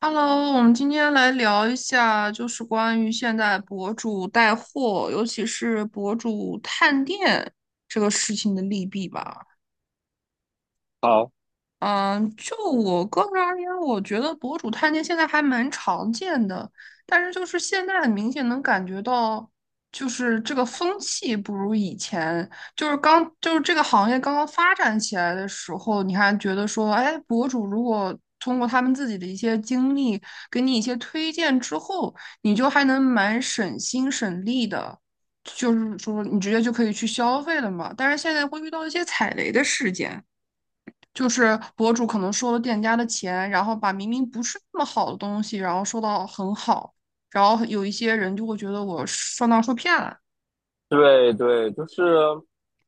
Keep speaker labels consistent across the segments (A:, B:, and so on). A: Hello，我们今天来聊一下，就是关于现在博主带货，尤其是博主探店这个事情的利弊吧。
B: 好，
A: 嗯，就我个人而言，我觉得博主探店现在还蛮常见的，但是就是现在很明显能感觉到，就是这个风气不如以前，就是刚就是这个行业刚刚发展起来的时候，你还觉得说，哎，博主如果通过他们自己的一些经历给你一些推荐之后，你就还能蛮省心省力的。就是说，你直接就可以去消费了嘛，但是现在会遇到一些踩雷的事件。就是博主可能收了店家的钱，然后把明明不是那么好的东西，然后说到很好，然后有一些人就会觉得我上当受骗了。
B: 对对，就是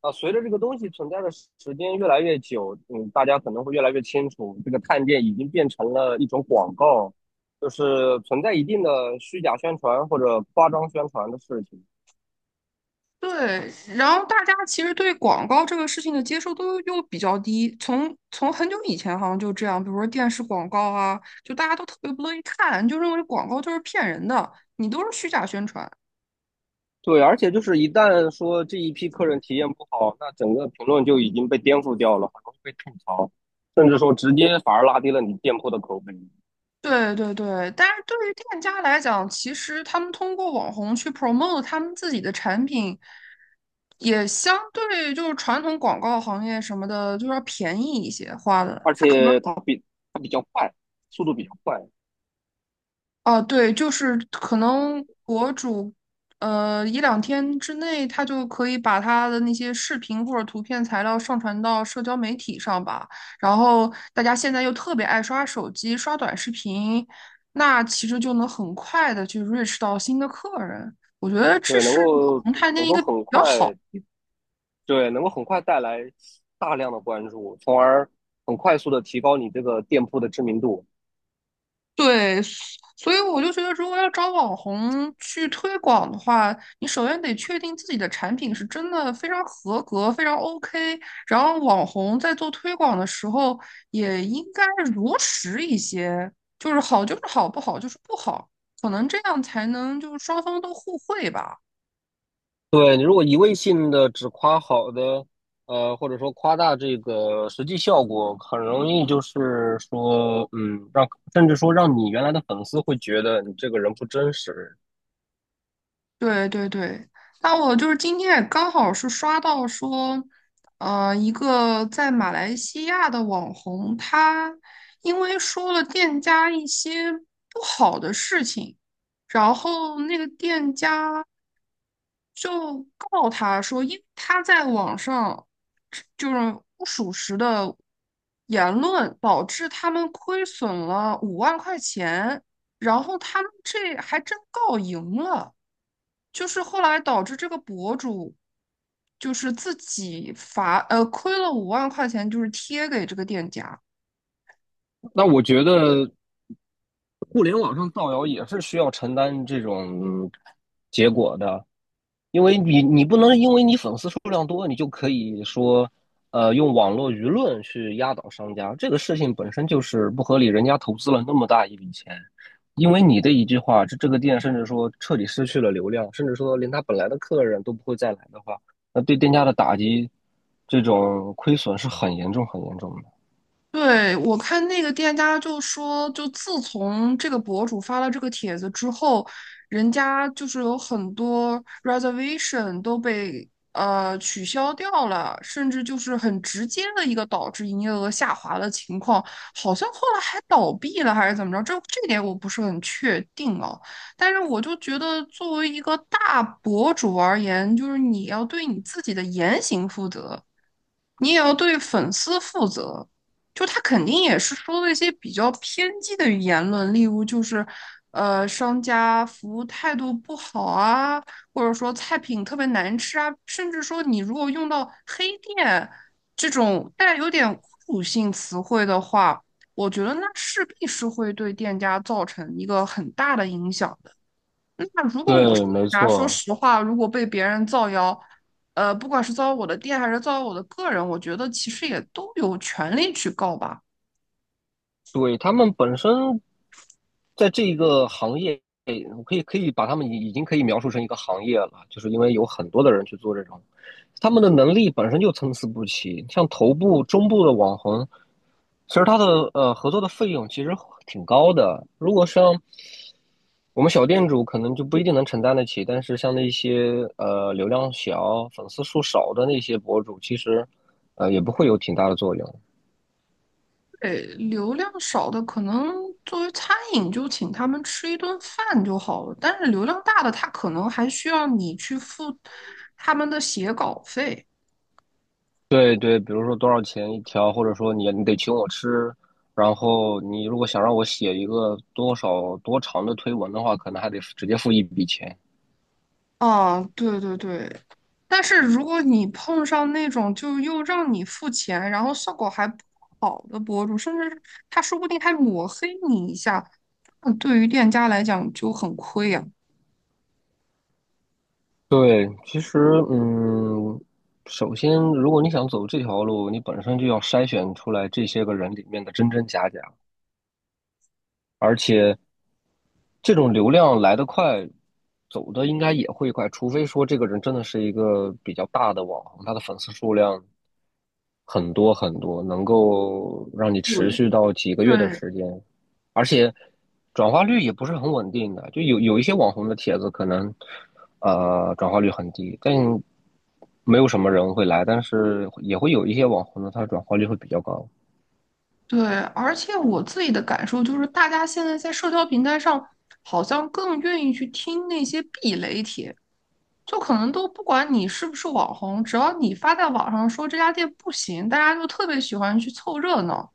B: 啊，随着这个东西存在的时间越来越久，大家可能会越来越清楚，这个探店已经变成了一种广告，就是存在一定的虚假宣传或者夸张宣传的事情。
A: 对，然后大家其实对广告这个事情的接受度又比较低，从很久以前好像就这样，比如说电视广告啊，就大家都特别不乐意看，就认为广告就是骗人的，你都是虚假宣传。
B: 对，而且就是一旦说这一批客人体验不好，那整个评论就已经被颠覆掉了，很容易被吐槽，甚至说直接反而拉低了你店铺的口碑。
A: 对对对，但是对于店家来讲，其实他们通过网红去 promote 他们自己的产品，也相对就是传统广告行业什么的，就是要便宜一些花的。
B: 而
A: 他可能
B: 且它比较快，速度比较快，
A: 哦，对，就是可能博主，一两天之内，他就可以把他的那些视频或者图片材料上传到社交媒体上吧。然后大家现在又特别爱刷手机、刷短视频，那其实就能很快的去 reach 到新的客人。我觉得这
B: 对，能
A: 是
B: 够
A: 横探
B: 能
A: 店一
B: 够
A: 个比
B: 很快。
A: 较好。
B: 对，能够很快带来大量的关注，从而很快速的提高你这个店铺的知名度。
A: 对，所以我就觉得，如果要找网红去推广的话，你首先得确定自己的产品是真的非常合格、非常 OK，然后网红在做推广的时候也应该如实一些，就是好就是好，不好就是不好，可能这样才能就是双方都互惠吧。
B: 对，你如果一味性的只夸好的，或者说夸大这个实际效果，很容易就是说，甚至说让你原来的粉丝会觉得你这个人不真实。
A: 对对对，那我就是今天也刚好是刷到说，一个在马来西亚的网红，他因为说了店家一些不好的事情，然后那个店家就告他说，因为他在网上就是不属实的言论，导致他们亏损了五万块钱，然后他们这还真告赢了。就是后来导致这个博主就是自己亏了五万块钱，就是贴给这个店家。
B: 那我觉得互联网上造谣也是需要承担这种结果的，因为你不能因为你粉丝数量多，你就可以说，用网络舆论去压倒商家，这个事情本身就是不合理。人家投资了那么大一笔钱，因为你的一句话，这个店甚至说彻底失去了流量，甚至说连他本来的客人都不会再来的话，那对店家的打击，这种亏损是很严重很严重的。
A: 对，我看那个店家就说，就自从这个博主发了这个帖子之后，人家就是有很多 reservation 都被取消掉了，甚至就是很直接的一个导致营业额下滑的情况，好像后来还倒闭了还是怎么着，这点我不是很确定啊。但是我就觉得，作为一个大博主而言，就是你要对你自己的言行负责。你也要对粉丝负责。就他肯定也是说了一些比较偏激的言论，例如就是，商家服务态度不好啊，或者说菜品特别难吃啊，甚至说你如果用到黑店这种带有点侮辱性词汇的话，我觉得那势必是会对店家造成一个很大的影响。那如果我是
B: 对，没
A: 啊，说
B: 错，
A: 实话，如果被别人造谣，不管是造谣我的店还是造谣我的个人，我觉得其实也都有权利去告吧。
B: 对，他们本身在这一个行业，我可以把他们已经可以描述成一个行业了，就是因为有很多的人去做这种，他们的能力本身就参差不齐。像头部、中部的网红，其实他的合作的费用其实挺高的。如果像我们小店主，可能就不一定能承担得起，但是像那些流量小、粉丝数少的那些博主，其实也不会有挺大的作用。
A: 对，流量少的可能作为餐饮就请他们吃一顿饭就好了，但是流量大的他可能还需要你去付他们的写稿费。
B: 对对，比如说多少钱一条，或者说你得请我吃，然后你如果想让我写一个多少多长的推文的话，可能还得直接付一笔钱。
A: 啊，对对对，但是如果你碰上那种就又让你付钱，然后效果还不好的博主，甚至他说不定还抹黑你一下，那对于店家来讲就很亏呀、
B: 对，其实嗯，首先如果你想走这条路，你本身就要筛选出来这些个人里面的真真假假。这种流量来得快，走的应该也会快，除非说这个人真的是一个比较大的网红，他的粉丝数量，很多很多，能够让你
A: 有，
B: 持续到几个月的
A: 对
B: 时间，而且转化率也不是很稳定的，就有一些网红的帖子可能转化率很低，但没有什么人会来，但是也会有一些网红的，他的转化率会比较高。
A: 对，而且我自己的感受就是，大家现在在社交平台上好像更愿意去听那些避雷帖，就可能都不管你是不是网红，只要你发在网上说这家店不行，大家就特别喜欢去凑热闹，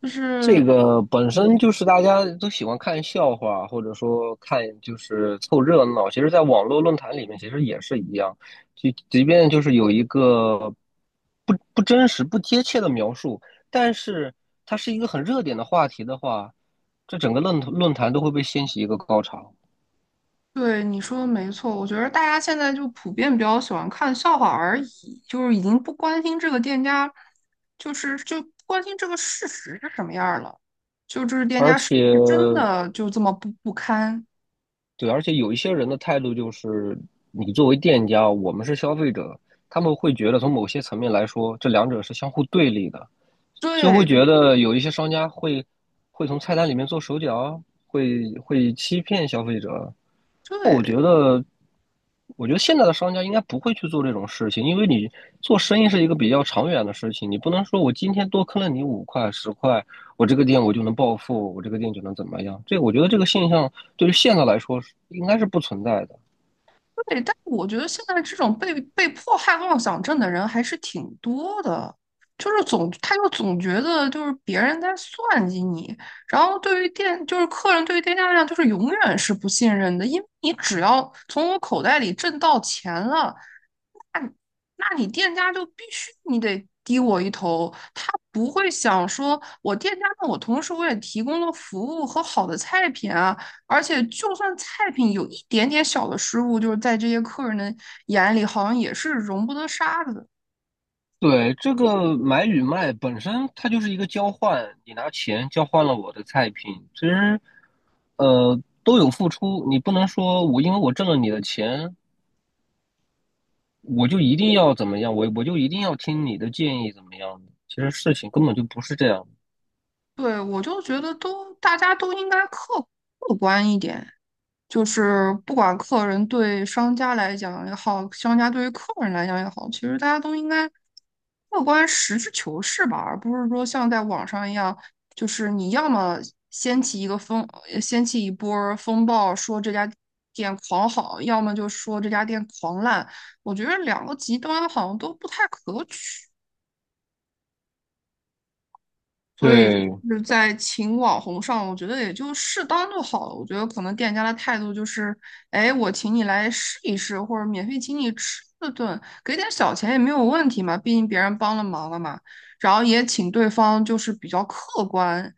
A: 就是。
B: 这个本身
A: 嗯。
B: 就是大家都喜欢看笑话，或者说看就是凑热闹。其实，在网络论坛里面，其实也是一样，就即便就是有一个不真实、不贴切的描述，但是它是一个很热点的话题的话，这整个论坛都会被掀起一个高潮。
A: 对，你说的没错，我觉得大家现在就普遍比较喜欢看笑话而已，就是已经不关心这个店家，就是就不关心这个事实是什么样儿了，就这是店
B: 而
A: 家是
B: 且，
A: 不是真的就这么不堪？
B: 对，而且有一些人的态度就是，你作为店家，我们是消费者，他们会觉得从某些层面来说，这两者是相互对立的。就会
A: 对对
B: 觉得有一些商家会从菜单里面做手脚啊会欺骗消费者。那我觉
A: 对。
B: 得，我觉得现在的商家应该不会去做这种事情，因为你做生意是一个比较长远的事情，你不能说我今天多坑了你五块十块，我这个店我就能暴富，我这个店就能怎么样？我觉得这个现象对于现在来说是应该是不存在的。
A: 对，但我觉得现在这种被迫害妄想症的人还是挺多的，就是总他就总觉得就是别人在算计你，然后对于店就是客人对于店家来讲就是永远是不信任的，因为你只要从我口袋里挣到钱了，那你店家就必须你得低我一头，他不会想说我店家，那我同时我也提供了服务和好的菜品啊，而且就算菜品有一点点小的失误，就是在这些客人的眼里好像也是容不得沙子的。
B: 对，这个买与卖本身它就是一个交换，你拿钱交换了我的菜品，其实都有付出，你不能说我因为我挣了你的钱，我就一定要怎么样，我就一定要听你的建议怎么样的其实事情根本就不是这样，
A: 对，我就觉得都大家都应该客观一点，就是不管客人对商家来讲也好，商家对于客人来讲也好，其实大家都应该客观、实事求是吧，而不是说像在网上一样，就是你要么掀起一个风，呃掀起一波儿风暴，说这家店狂好，要么就说这家店狂烂，我觉得两个极端好像都不太可取。所以
B: 对，
A: 就是在请网红上，我觉得也就适当就好了。我觉得可能店家的态度就是，哎，我请你来试一试，或者免费请你吃一顿，给点小钱也没有问题嘛，毕竟别人帮了忙了嘛。然后也请对方就是比较客观，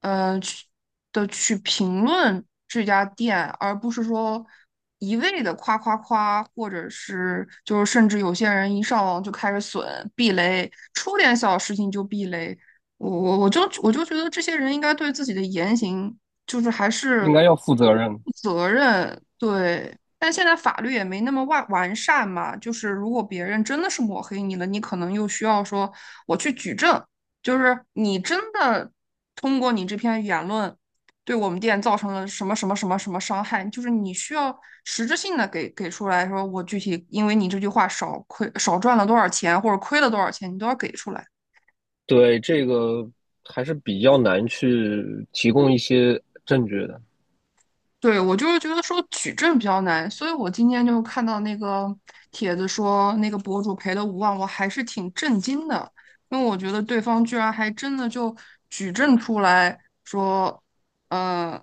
A: 嗯、去去评论这家店，而不是说。一味的夸夸夸，或者是就是甚至有些人一上网就开始损避雷，出点小事情就避雷，我觉得这些人应该对自己的言行就是还是
B: 应该要负责任。
A: 负责任，对。但现在法律也没那么完善嘛，就是如果别人真的是抹黑你了，你可能又需要说我去举证，就是你真的通过你这篇言论对我们店造成了什么什么什么什么伤害，就是你需要实质性的给出来说，我具体因为你这句话少亏少赚了多少钱，或者亏了多少钱，你都要给出来。
B: 对，这个还是比较难去提供一些证据的，
A: 对，我就是觉得说举证比较难，所以我今天就看到那个帖子说那个博主赔了五万，我还是挺震惊的，因为我觉得对方居然还真的就举证出来说，呃，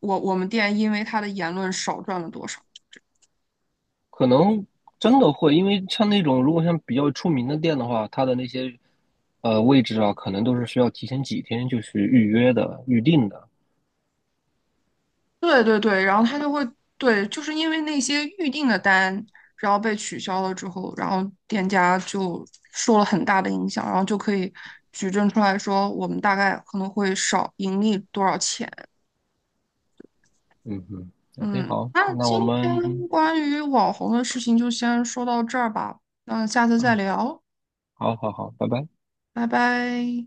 A: 我我们店因为他的言论少赚了多少。
B: 可能真的会，因为像那种如果像比较出名的店的话，它的那些位置啊，可能都是需要提前几天就去预约的、预定的。
A: 对对对，然后他就会对，就是因为那些预定的单，然后被取消了之后，然后店家就受了很大的影响，然后就可以举证出来说，我们大概可能会少盈利多少钱。
B: 嗯嗯 o k
A: 嗯，
B: 好，
A: 那
B: 那我
A: 今天
B: 们
A: 关于网红的事情就先说到这儿吧，那下次再
B: 嗯。
A: 聊，
B: 好好好，拜拜。
A: 拜拜。